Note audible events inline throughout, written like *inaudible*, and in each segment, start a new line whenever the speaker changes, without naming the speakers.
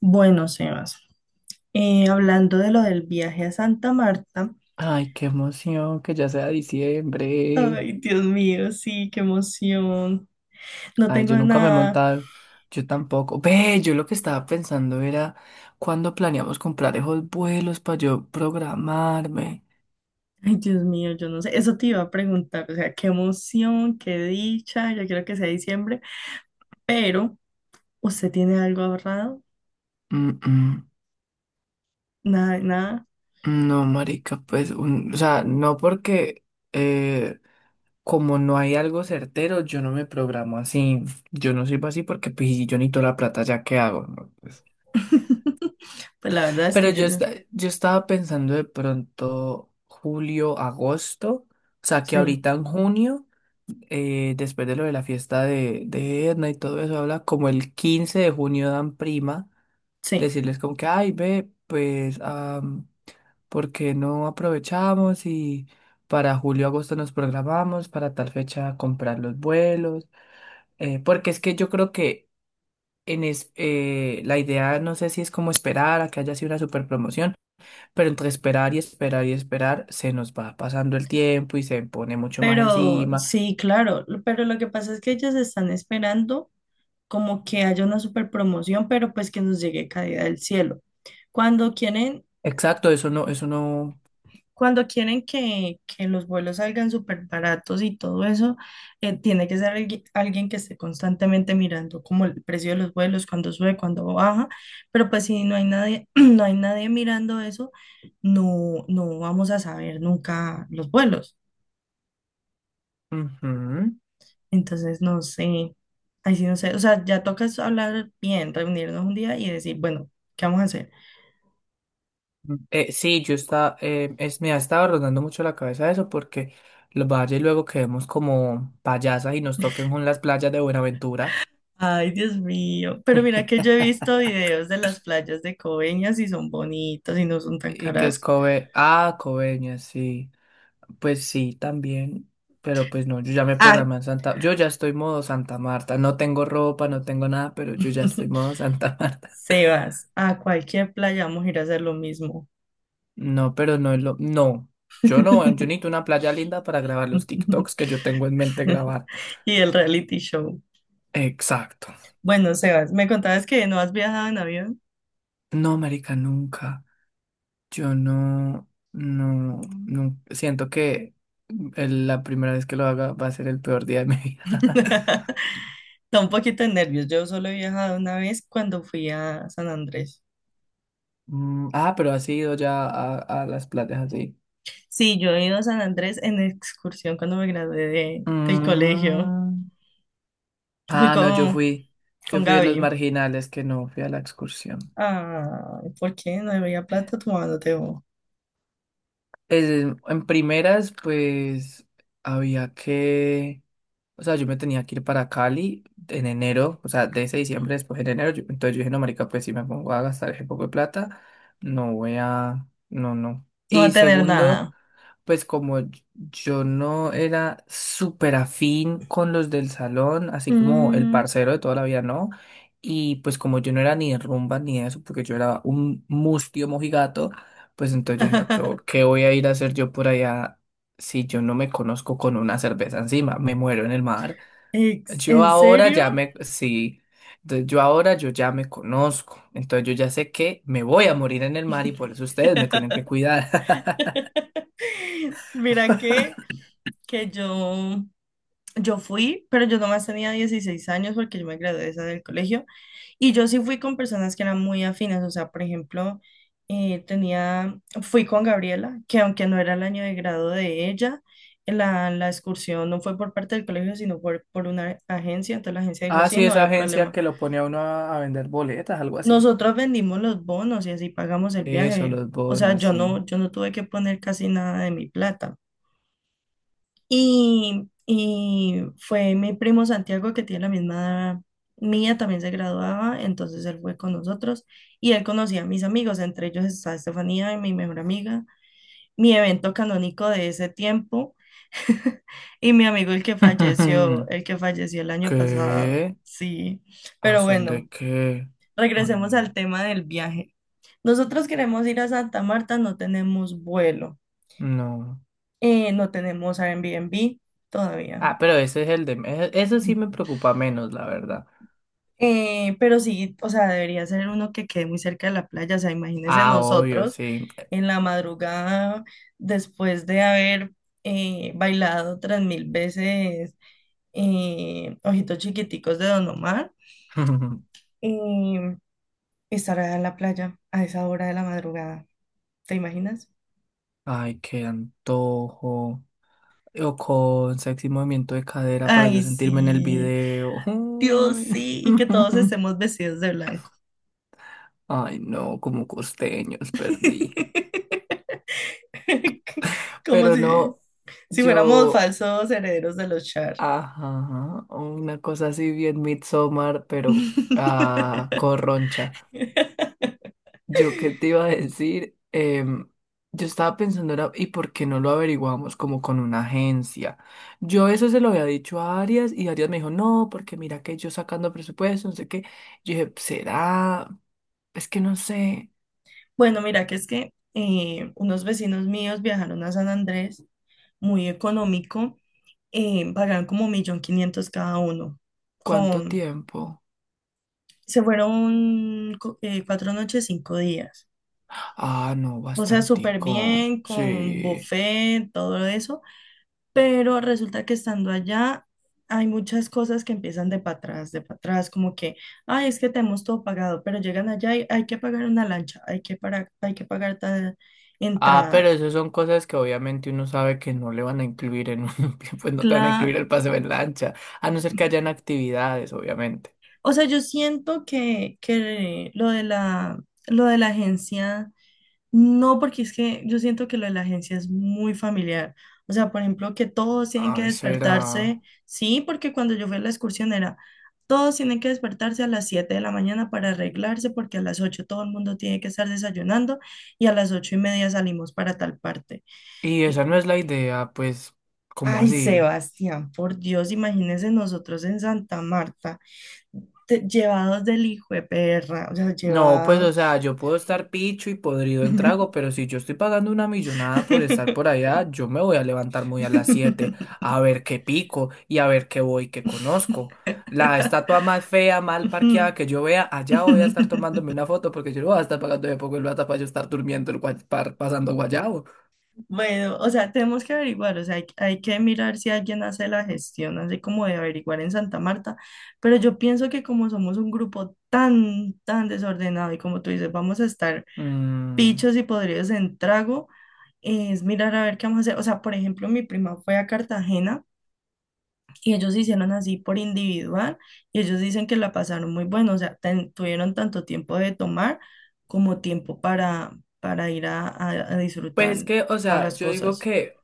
Bueno, Sebas, hablando de lo del viaje a Santa Marta,
Ay, qué emoción que ya sea diciembre.
ay, Dios mío, sí, qué emoción. No
Ay,
tengo
yo nunca me he
nada.
montado, yo tampoco. Ve, yo lo que estaba pensando era cuándo planeamos comprar esos vuelos para yo programarme.
Ay, Dios mío, yo no sé. Eso te iba a preguntar, o sea, qué emoción, qué dicha, yo quiero que sea diciembre, pero ¿usted tiene algo ahorrado?
Mm, mm.
Nada, nada.
No, marica, pues, o sea, no porque eh, como no hay algo certero, yo no me programo así. Yo no sirvo así porque pues, si yo necesito la plata, ¿ya qué hago? ¿No? Pues,
*laughs* Pues la verdad es
Pero
que yo,
yo, yo estaba pensando de pronto julio, agosto, o sea que
sí,
ahorita en junio, después de lo de la fiesta de Edna y todo eso, habla como el 15 de junio dan prima,
sí.
decirles como que, ay, ve, pues, ¿por qué no aprovechamos y para julio, agosto nos programamos para tal fecha comprar los vuelos? Porque es que yo creo que la idea, no sé si es como esperar a que haya sido una super promoción pero entre esperar y esperar y esperar, se nos va pasando el tiempo y se pone mucho más
Pero
encima.
sí, claro, pero lo que pasa es que ellos están esperando, como que haya una super promoción, pero pues que nos llegue caída del cielo. Cuando quieren,
Exacto, eso no, eso no.
cuando quieren que los vuelos salgan súper baratos y todo eso, tiene que ser alguien que esté constantemente mirando como el precio de los vuelos, cuando sube, cuando baja, pero pues si no hay nadie, *clears throat* no hay nadie mirando eso, no, no vamos a saber nunca los vuelos.
Ujú.
Entonces, no sé, ahí sí no sé, o sea, ya toca es hablar bien, reunirnos un día y decir, bueno, ¿qué vamos a hacer?
Sí, me ha estado rondando mucho la cabeza eso porque los valles luego quedemos como payasas y nos toquen con las playas de Buenaventura.
Ay, Dios mío. Pero mira
*laughs*
que yo he visto videos de las playas de Coveñas y son bonitas y no son tan
Y que es
caras.
Kobe. Ah, Coveñas, sí. Pues sí, también. Pero pues no, yo ya me
Ah,
programé en Santa. Yo ya estoy modo Santa Marta. No tengo ropa, no tengo nada, pero yo ya estoy
*laughs*
modo Santa *laughs* Marta.
Sebas, a cualquier playa vamos a ir a hacer lo mismo.
No, pero no es lo. No. Yo no, yo necesito
*laughs*
una playa linda para grabar los TikToks que yo tengo en mente grabar.
Y el reality show.
Exacto.
Bueno, Sebas, me contabas que no has viajado en avión.
No, marica, nunca. Yo no, no, no. Siento que la primera vez que lo haga va a ser el peor día de mi vida. *laughs*
*laughs* Da un poquito de nervios. Yo solo he viajado una vez cuando fui a San Andrés.
Mm, ah, pero has ido ya a, las playas así.
Sí, yo he ido a San Andrés en excursión cuando me gradué del colegio.
Mm.
Fui
Ah, no, yo fui. Yo
con
fui de los
Gaby.
marginales que no fui a la excursión.
Ah, ¿por qué no debería plata tu mano?
En primeras, pues había que. O sea, yo me tenía que ir para Cali en enero, o sea, de ese diciembre, después en enero. Entonces yo dije, no, marica, pues si me pongo a gastar ese poco de plata, no voy a... No, no.
No va a
Y
tener
segundo,
nada.
pues como yo no era súper afín con los del salón, así como el
Mm,
parcero de toda la vida, ¿no? Y pues como yo no era ni de rumba ni de eso, porque yo era un mustio mojigato, pues entonces yo dije, no, ¿qué,
*laughs*
qué voy a ir a hacer yo por allá? Si yo no me conozco con una cerveza encima, me muero en el mar. Yo
¿en
ahora
serio?
ya me, sí, entonces yo ahora yo ya me conozco, entonces yo ya sé que me voy a morir en el mar y por eso ustedes me tienen que
*laughs*
cuidar. *laughs*
Mira que yo... Yo fui, pero yo nomás tenía 16 años porque yo me gradué de esa del colegio y yo sí fui con personas que eran muy afines, o sea, por ejemplo, tenía, fui con Gabriela, que aunque no era el año de grado de ella, la excursión no fue por parte del colegio, sino por una agencia, entonces la agencia dijo,
Ah,
sí,
sí,
no
esa
había
agencia
problema.
que lo pone a uno a vender boletas, algo así.
Nosotros vendimos los bonos y así pagamos el
Eso,
viaje,
los
o sea,
bonos,
yo
sí.
no, yo no tuve que poner casi nada de mi plata. Y fue mi primo Santiago, que tiene la misma edad mía, también se graduaba, entonces él fue con nosotros y él conocía a mis amigos, entre ellos está Estefanía, mi mejor amiga, mi evento canónico de ese tiempo *laughs* y mi amigo el que falleció,
*laughs*
el que falleció el año pasado,
¿Qué?
sí.
¿A
Pero
son
bueno,
de qué? Ay,
regresemos al
no,
tema del viaje. Nosotros queremos ir a Santa Marta, no tenemos vuelo,
no.
no tenemos Airbnb todavía.
Ah, pero ese es eso sí me preocupa menos, la verdad.
Pero sí, o sea, debería ser uno que quede muy cerca de la playa. O sea, imagínense
Ah, obvio,
nosotros
sí.
en la madrugada, después de haber bailado 3000 veces Ojitos Chiquiticos de Don Omar,
*laughs*
eh, estar allá en la playa a esa hora de la madrugada. ¿Te imaginas?
Ay, qué antojo. O con sexy movimiento de cadera para yo
Ay,
sentirme en el
sí,
video.
Dios
Uy.
sí, y que todos
*laughs*
estemos vestidos de blanco.
Ay, no, como costeños perdí.
*laughs* Como
Pero
si,
no,
si fuéramos
yo,
falsos herederos de los Char.
ajá, una cosa así bien Midsommar, pero
*laughs*
corroncha. Yo qué te iba a decir, Em, yo estaba pensando, era, ¿y por qué no lo averiguamos como con una agencia? Yo eso se lo había dicho a Arias y Arias me dijo, no, porque mira que yo sacando presupuesto, no sé qué. Yo dije, ¿será? Es que no sé
Bueno, mira, que es que unos vecinos míos viajaron a San Andrés, muy económico, pagaron como 1.500.000 cada uno,
cuánto
con,
tiempo.
se fueron 4 noches, 5 días.
Ah, no,
O sea, súper
bastantico.
bien, con
Sí.
buffet, todo eso, pero resulta que estando allá hay muchas cosas que empiezan de para atrás, como que, ay, es que tenemos todo pagado, pero llegan allá y hay que pagar una lancha, hay que, para, hay que pagar tal
Ah, pero
entrada.
eso son cosas que obviamente uno sabe que no le van a incluir en un, *laughs* pues no te van a
Cla-
incluir el paseo en lancha, a no ser que hayan actividades, obviamente.
o sea, yo siento que lo de la agencia... No, porque es que yo siento que lo de la agencia es muy familiar. O sea, por ejemplo, que todos tienen que
Ay, será.
despertarse. Sí, porque cuando yo fui a la excursión era, todos tienen que despertarse a las 7 de la mañana para arreglarse, porque a las 8 todo el mundo tiene que estar desayunando y a las 8:30 salimos para tal parte.
Y esa
Y,
no es la idea, pues, ¿cómo
ay,
así?
Sebastián, por Dios, imagínense nosotros en Santa Marta, llevados del hijo de perra, o sea,
No, pues, o
llevados.
sea, yo puedo estar picho y podrido en trago,
*laughs*
pero si yo estoy pagando una millonada por estar por allá, yo me voy a levantar muy a las 7 a ver qué pico y a ver qué voy, qué conozco. La estatua más fea, mal parqueada que yo
*laughs*
vea, allá voy a estar tomándome una foto porque yo no voy a estar pagando de poco el plata para yo estar durmiendo, pasando guayabo.
Bueno, o sea, tenemos que averiguar, o sea, hay que mirar si alguien hace la gestión, así como de averiguar en Santa Marta, pero yo pienso que como somos un grupo tan, tan desordenado y como tú dices, vamos a estar
Mm,
pichos y podridos en trago, es mirar a ver qué vamos a hacer. O sea, por ejemplo, mi prima fue a Cartagena y ellos hicieron así por individual y ellos dicen que la pasaron muy bueno, o sea, tuvieron tanto tiempo de tomar como tiempo para ir a, a
Pues
disfrutar
que, o
todas
sea,
las
yo digo
cosas.
que.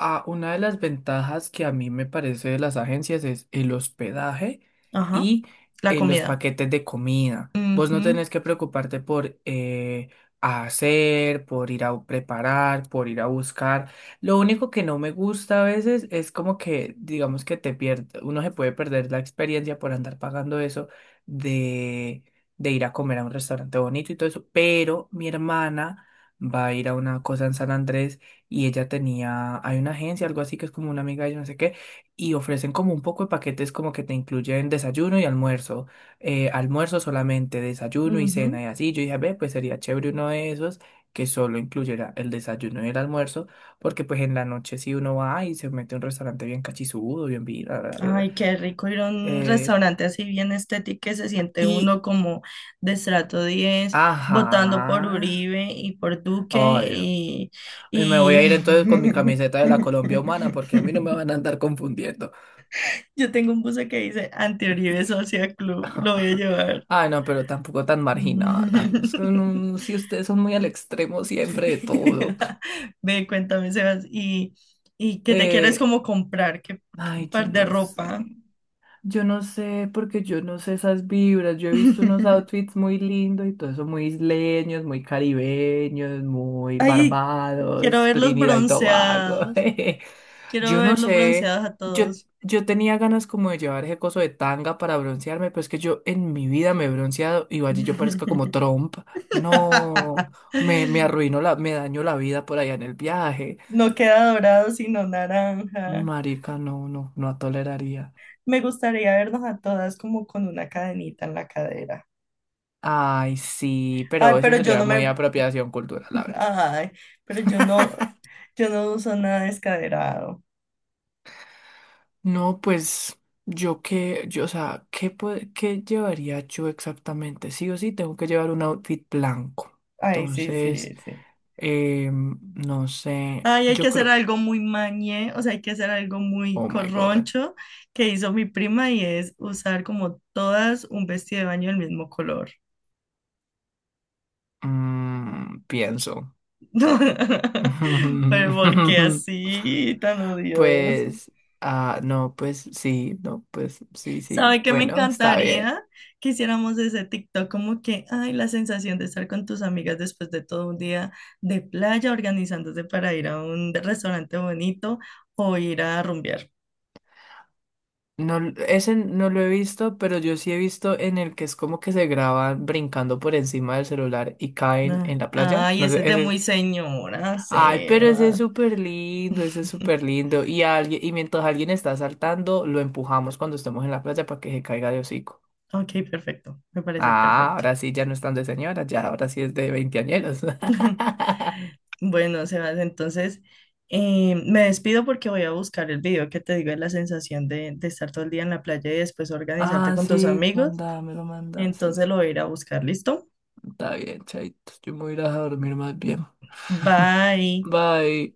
Ah, una de las ventajas que a mí me parece de las agencias es el hospedaje
Ajá,
y
la
los
comida.
paquetes de comida. Vos no
Ujú,
tenés que preocuparte por hacer, por ir a preparar, por ir a buscar. Lo único que no me gusta a veces es como que, digamos que te pierde, uno se puede perder la experiencia por andar pagando eso de, de ir a comer a un restaurante bonito y todo eso. Pero mi hermana va a ir a una cosa en San Andrés y ella tenía, hay una agencia, algo así que es como una amiga de ella, no sé qué, y ofrecen como un poco de paquetes como que te incluyen desayuno y almuerzo, almuerzo solamente, desayuno y
ujú.
cena y así. Yo dije, ve, pues sería chévere uno de esos que solo incluyera el desayuno y el almuerzo, porque pues en la noche si uno va y se mete a un restaurante bien cachizudo, bien vida, bla, bla, bla,
Ay, qué rico ir a un
eh,
restaurante así bien estético que se siente
y,
uno como de estrato 10 votando por
ajá,
Uribe y por Duque
ay, no.
y,
Y me voy
y...
a ir entonces con mi camiseta de la Colombia humana porque a mí no me
*laughs*
van a andar confundiendo.
Yo tengo un buzo que dice Anti-Uribe Social Club, lo voy a
*laughs*
llevar.
Ay, no, pero tampoco tan marginal. Ay, es que
*laughs*
si ustedes son muy al extremo siempre de todo.
Ve, cuéntame, Sebas, y qué te quieres
Eh,
como comprar? ¿Qué qué
ay, yo
par de
no
ropa?
sé. Yo no sé, porque yo no sé esas vibras. Yo he visto unos
*laughs*
outfits muy lindos y todo eso, muy isleños, muy caribeños, muy
Ay, quiero
Barbados,
verlos
Trinidad y Tobago. *laughs*
bronceados.
jeje.
Quiero
Yo no
verlos
sé,
bronceados a
yo,
todos.
yo tenía ganas como de llevar ese coso de tanga para broncearme, pero es que yo en mi vida me he bronceado y vaya, yo parezco como
*laughs*
Trump. No, me arruinó me dañó la vida por allá en el viaje.
No queda dorado, sino naranja.
Marica, no, no, no toleraría.
Me gustaría vernos a todas como con una cadenita en la cadera.
Ay, sí, pero
Ay,
eso
pero yo
sería
no
muy
me,
apropiación cultural, la verdad.
ay, pero yo no, yo no uso nada descaderado.
No, pues yo qué, yo, o sea, ¿qué, qué llevaría yo exactamente? Sí o sí, tengo que llevar un outfit blanco.
Ay, sí, sí,
Entonces,
sí.
no sé,
Ay, hay que
yo
hacer
creo,
algo muy mañé, o sea, hay que hacer algo muy
oh my God,
corroncho que hizo mi prima y es usar como todas un vestido de baño del mismo color.
Pienso.
*laughs* Pero porque
*laughs*
así, tan odioso.
Pues, no, pues sí, no, pues sí,
¿Sabe
sí,
qué me
bueno, está bien.
encantaría? Que hiciéramos ese TikTok como que, ay, la sensación de estar con tus amigas después de todo un día de playa organizándose para ir a un restaurante bonito o ir a rumbear.
No, ese no lo he visto, pero yo sí he visto en el que es como que se graban brincando por encima del celular y caen
Ah,
en la playa.
ay,
No sé,
ese es de
ese es.
muy señora,
Ay, pero ese es
Sebas.
súper lindo, ese es súper
*laughs*
lindo. Y alguien, y mientras alguien está saltando, lo empujamos cuando estemos en la playa para que se caiga de hocico.
Ok, perfecto. Me parece
Ah,
perfecto.
ahora sí ya no están de señora, ya ahora sí es de veinteañeros.
*laughs*
*laughs*
Bueno, Sebas, entonces me despido porque voy a buscar el video que te digo de la sensación de estar todo el día en la playa y después organizarte
Ah,
con tus
sí,
amigos.
manda me lo manda. Sí, sí.
Entonces lo voy a ir a buscar, ¿listo?
Está bien, chaito. Yo me voy a ir a dormir más bien.
Bye.
Bye.